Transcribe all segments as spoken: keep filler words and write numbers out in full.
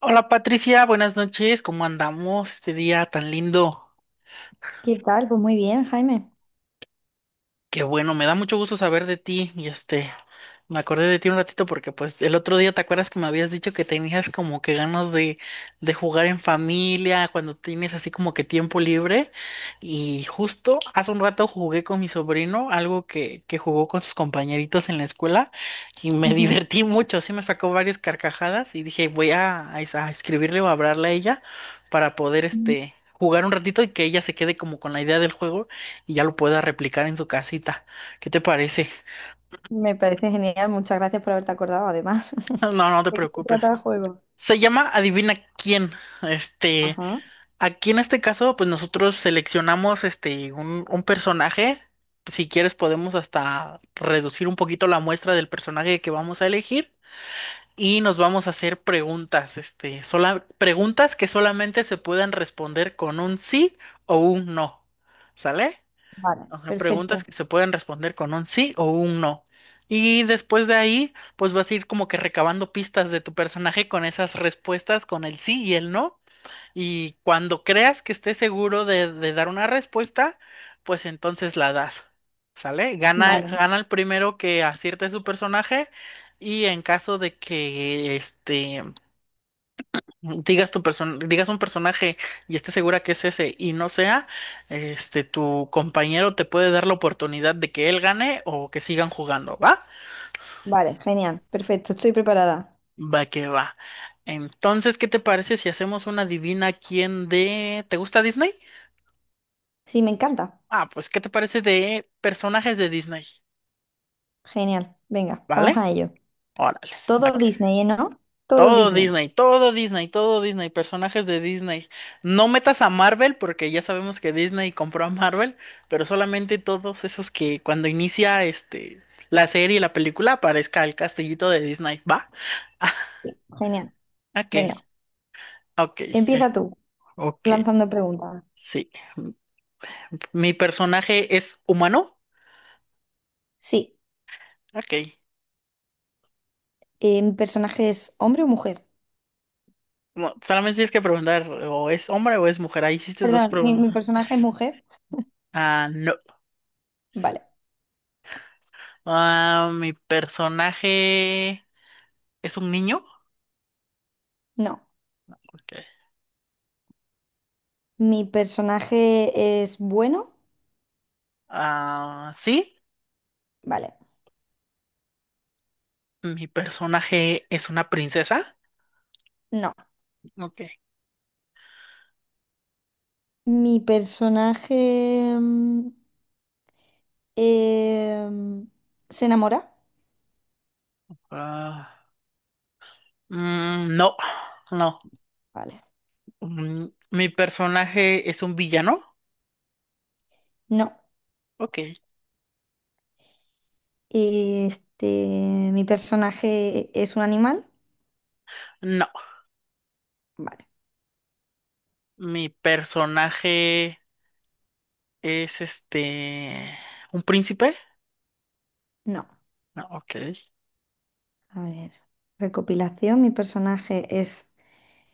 Hola Patricia, buenas noches, ¿cómo andamos este día tan lindo? ¿Qué tal? Pues muy bien, Jaime. Qué bueno, me da mucho gusto saber de ti y este, me acordé de ti un ratito porque pues el otro día te acuerdas que me habías dicho que tenías como que ganas de, de jugar en familia, cuando tienes así como que tiempo libre y justo hace un rato jugué con mi sobrino, algo que, que jugó con sus compañeritos en la escuela y me Ujú. divertí mucho, sí me sacó varias carcajadas y dije voy a, a es- a escribirle o a hablarle a ella para poder Ujú. este, jugar un ratito y que ella se quede como con la idea del juego y ya lo pueda replicar en su casita. ¿Qué te parece? Me parece genial. Muchas gracias por haberte acordado, además. No, no te ¿De qué se trata preocupes. el juego? Se llama Adivina quién. Este, Ajá, aquí en este caso, pues nosotros seleccionamos este un, un personaje. Si quieres, podemos hasta reducir un poquito la muestra del personaje que vamos a elegir y nos vamos a hacer preguntas, este, sola, preguntas que solamente se puedan responder con un sí o un no. ¿Sale? vale, O sea, preguntas perfecto. que se pueden responder con un sí o un no. Y después de ahí, pues vas a ir como que recabando pistas de tu personaje con esas respuestas, con el sí y el no. Y cuando creas que estés seguro de, de dar una respuesta, pues entonces la das. ¿Sale? Gana, Vale, gana el primero que acierte su personaje. Y en caso de que este digas tu person digas un personaje y estés segura que es ese y no sea, este, tu compañero te puede dar la oportunidad de que él gane o que sigan jugando, ¿va? vale, genial, perfecto. Estoy preparada. Va que va. Entonces, ¿qué te parece si hacemos una divina quién de... ¿Te gusta Disney? Sí, me encanta. Ah, pues, ¿qué te parece de personajes de Disney? Genial. Venga, vamos ¿Vale? a ello. Órale. Va. Todo Disney, ¿eh?, ¿no? Todo Todo Disney. Disney, todo Disney, todo Disney, personajes de Disney. No metas a Marvel porque ya sabemos que Disney compró a Marvel, pero solamente todos esos que cuando inicia este la serie, la película, aparezca el castellito de Disney, ¿va? Sí, genial. Ok, Venga, ok, eh, empieza tú, ok, lanzando preguntas. sí. ¿Mi personaje es humano? Sí, Ok. eh, ¿mi personaje es hombre o mujer? No, solamente tienes que preguntar, ¿o es hombre o es mujer? Ahí hiciste dos Perdón, ¿mi, mi preguntas. personaje es mujer? Ah, no. Vale, Ah, ¿mi personaje es un niño? no. Ok. ¿Mi personaje es bueno? Ah, sí, Vale, mi personaje es una princesa. no. Ok. Mi personaje mm, em, se enamora. Ah, mm, no, no. Vale, Mm, mi personaje es un villano. no. Ok. Este, mi personaje es un animal. No, Vale, mi personaje es este, un príncipe. no. No, ok. A ver, recopilación. Mi personaje es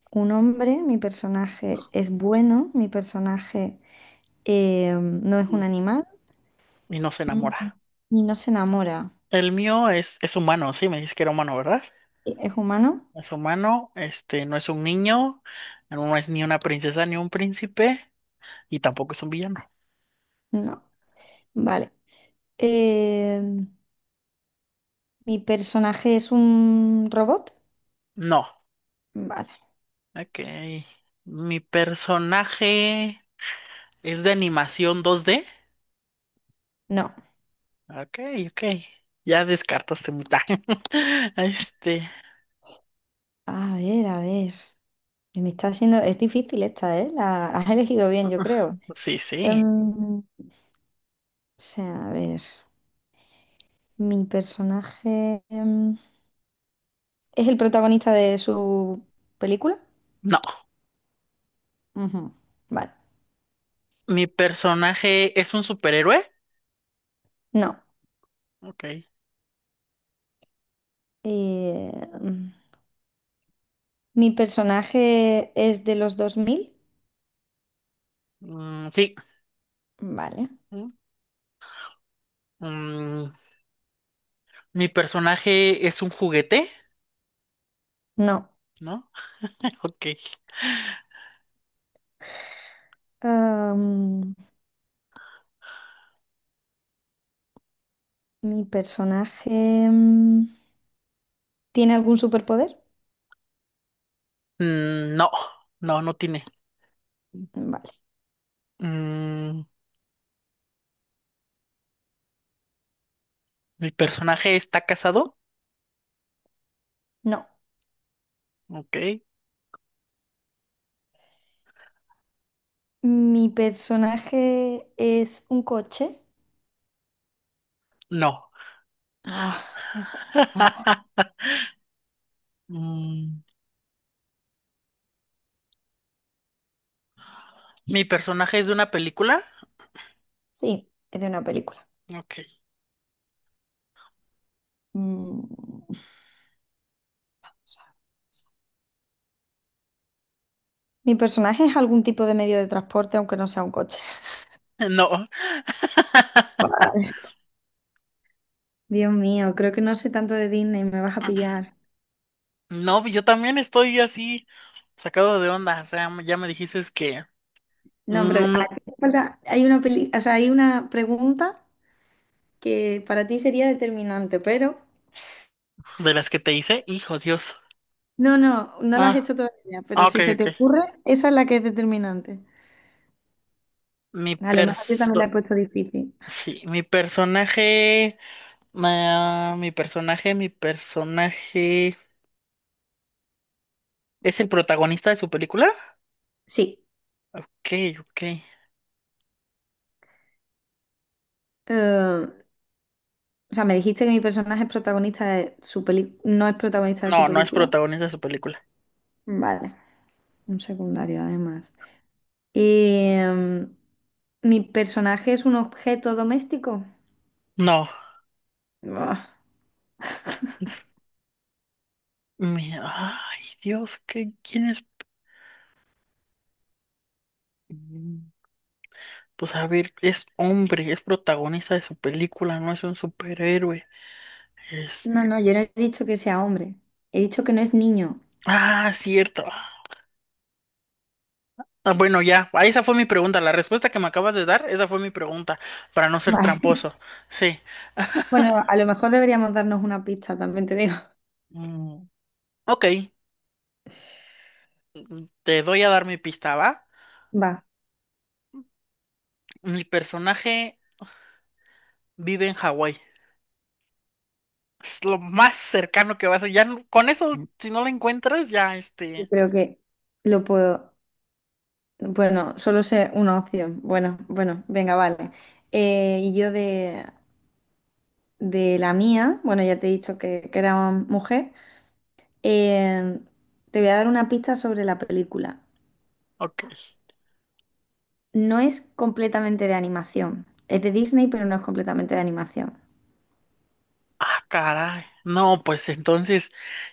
un hombre. Mi personaje es bueno. Mi personaje em, no es Mm, un animal. y no se Mm. enamora. Y no se enamora. El mío es, es humano, sí, me dices que era humano, ¿verdad? ¿Es humano? Es humano, este, no es un niño, no es ni una princesa ni un príncipe, y tampoco es un villano. No. Vale. Em, ¿Mi personaje es un robot? No. Vale. Ok. Mi personaje es de animación dos d No. Ok, ok. Ya descartaste mucha. Este, A ver, a ver. Me está haciendo... Es difícil esta, ¿eh? La has elegido bien, yo creo. sí, Em, sí. o sea, a ver. ¿Mi personaje em, es el protagonista de su película? No. Ujú. Vale. Mi personaje es un superhéroe. No. Ok. Eh, mm, ¿mi personaje es de los dos mil? Mm, sí. Vale. Mm, mm, mi personaje es un juguete, No. ¿no? Ok. Am, ¿mi personaje em, tiene algún superpoder? Mm, no, no, no tiene. Vale. Mm, mi personaje está casado. No. Ok. Mi personaje es un coche. No. Ah, Mm, ¿mi personaje es de una película? sí, es de una película. Ok. Mm, Mi personaje es algún tipo de medio de transporte, aunque no sea un coche. No. Vale. Dios mío, creo que no sé tanto de Disney, me vas a pillar. No, yo también estoy así sacado de onda. O sea, ya me dijiste es que No, pero mm, a ti te falta- hay una peli- o sea, hay una pregunta que para ti sería determinante, pero de las que te hice, hijo Dios. no, no, no la has Ah, hecho todavía, ah, pero ok, si se te ok. ocurre, esa es la que es determinante. Mi A lo mejor yo también la he perso, puesto difícil. sí, mi personaje, ah, mi personaje, mi personaje es el protagonista de su película. Sí. Ok, ok. Eh, o sea, me dijiste que mi personaje es protagonista de su peli- no es protagonista de su No, no es película. protagonista de su película. Vale, un secundario además. Eh, ¿mi personaje es un objeto doméstico? No. Buah. Me- Ay, Dios, ¿qué, quién es? Mm, pues a ver, es hombre, es protagonista de su película, no es un superhéroe. Es... No, no, yo no he dicho que sea hombre. He dicho que no es niño. Ah, cierto. Ah, bueno, ya, ah, esa fue mi pregunta. La respuesta que me acabas de dar, esa fue mi pregunta, para no ser Vale. tramposo. Sí. Bueno, a lo mejor deberíamos darnos una pista, también te digo. Mm, ok, te doy a dar mi pista, ¿va? Va, Mi personaje vive en Hawái. Es lo más cercano que vas a... Ya, no- con eso, yo si no lo encuentras, ya, este... creo que lo puedo. Bueno, solo sé una opción. Bueno, bueno, venga, vale. Eh, y yo de de la mía, bueno, ya te he dicho que, que era mujer, eh, te voy a dar una pista sobre la película. Ok. No es completamente de animación, es de Disney, pero no es completamente de animación. Ah, caray. No, pues entonces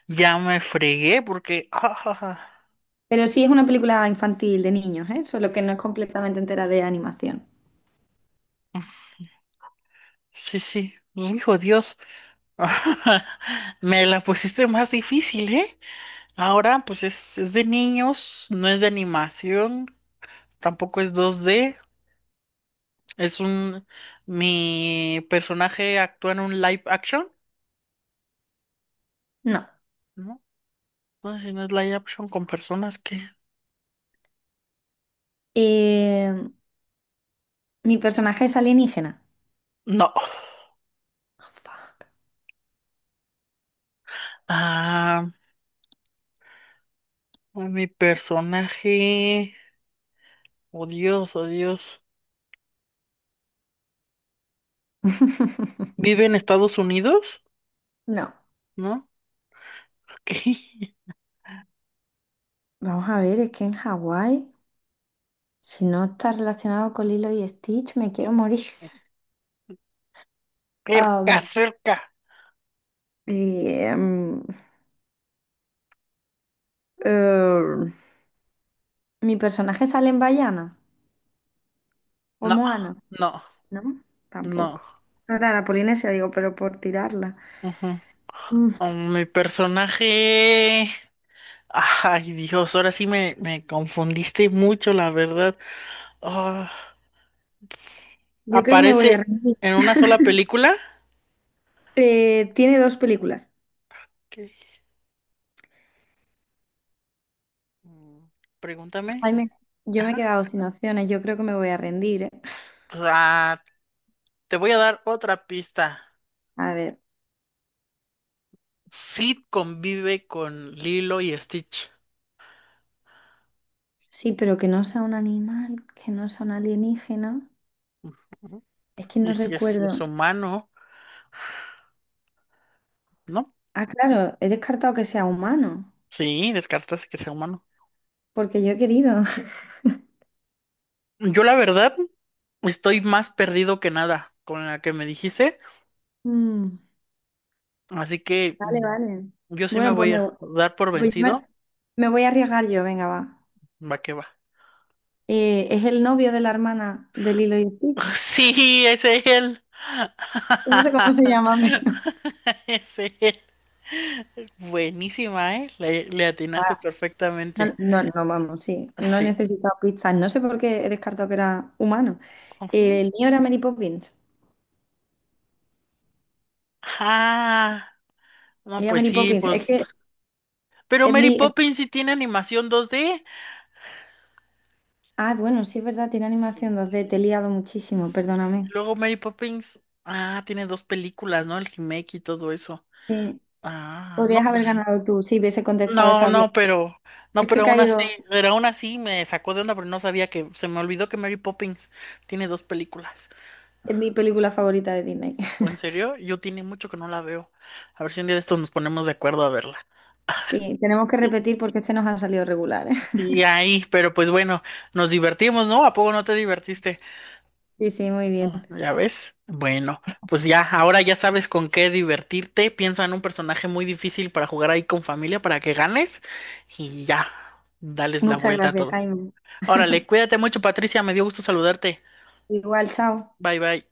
ya me fregué porque... ah, ah, Pero sí es una película infantil de niños, ¿eh? Solo que no es completamente entera de animación. ah. Sí, sí. Hijo Dios. Me la pusiste más difícil, ¿eh? Ahora, pues es, es de niños, no es de animación, tampoco es dos d Es un... Mi personaje actúa en un live action, No. ¿no? No si no es live action con personas que... Eh, mi personaje es alienígena. No. Oh, fuck. Ah, mi personaje... Oh Dios, oh Dios. Vive en Estados Unidos, No. ¿no? Ok. Vamos a ver, es que en Hawái, si no está relacionado con Lilo y Stitch, me quiero morir. Cerca, cerca. Y, em, eh, mi personaje sale en Bayana o en No, Moana, no, ¿no? no. Tampoco. No era la Polinesia, digo, pero por tirarla. Ujú. Mm, Oh, mi personaje. Ay, Dios, ahora sí me, me confundiste mucho, la verdad. Ah, yo creo que me voy a ¿aparece rendir. en una sola película? Eh, tiene dos películas. Ok. Mm, pregúntame. Jaime, yo me he Ajá. quedado sin opciones, yo creo que me voy a rendir, ¿eh? Pues, ah, te voy a dar otra pista. A ver, Sid convive con Lilo y Stitch. sí, pero que no sea un animal, que no sea un alienígena. Ujú. Es que no Y si es, si es recuerdo. humano, ¿no? Ah, claro, he descartado que sea humano, Sí, descartas que sea humano. porque yo he querido. Yo la verdad estoy más perdido que nada con la que me dijiste, Mm. así que Vale, mm, vale. yo sí me Bueno, pues voy me, a vo- dar por pues yo me, vencido. me voy a arriesgar yo, venga, va. Va que va. Eh, es el novio de la hermana de Lilo y Stitch. Sí, es él. No sé cómo se llama. Es él. Buenísima, ¿eh? Le, le atinaste Ah, no, perfectamente. no, no, vamos, sí. No he Sí. necesitado pistas. No sé por qué he descartado que era humano. Ujú. Eh, el mío era Mary Poppins. Ah, no, Era pues Mary sí, Poppins. Es pues. que Pero es Mary mi... es- Poppins sí tiene animación dos D. Ah, bueno, sí es verdad, tiene animación Sí. dos D. Te he liado muchísimo, Sí. Y perdóname. luego Mary Poppins, ah, tiene dos películas, ¿no? El remake y todo eso. Sí, Ah, no, podrías haber pues, ganado tú si hubiese contestado no, esa bien. no, pero, no, Es que he pero aún así, caído pero aún así me sacó de onda, pero no sabía que, se me olvidó que Mary Poppins tiene dos películas. en mi película favorita de Disney. ¿O en serio? Yo tiene mucho que no la veo. A ver si un día de estos nos ponemos de acuerdo a verla. Sí, tenemos que repetir porque este nos ha salido regular, ¿eh? Sí, ahí, pero pues bueno, nos divertimos, ¿no? ¿A poco no te divertiste? Sí, sí, muy Oh, bien. ¿ya ves? Bueno, pues ya, ahora ya sabes con qué divertirte. Piensa en un personaje muy difícil para jugar ahí con familia para que ganes y ya, dales la Muchas vuelta a gracias, todos. Jaime. Órale, cuídate mucho, Patricia, me dio gusto saludarte. Igual, chao. Bye bye.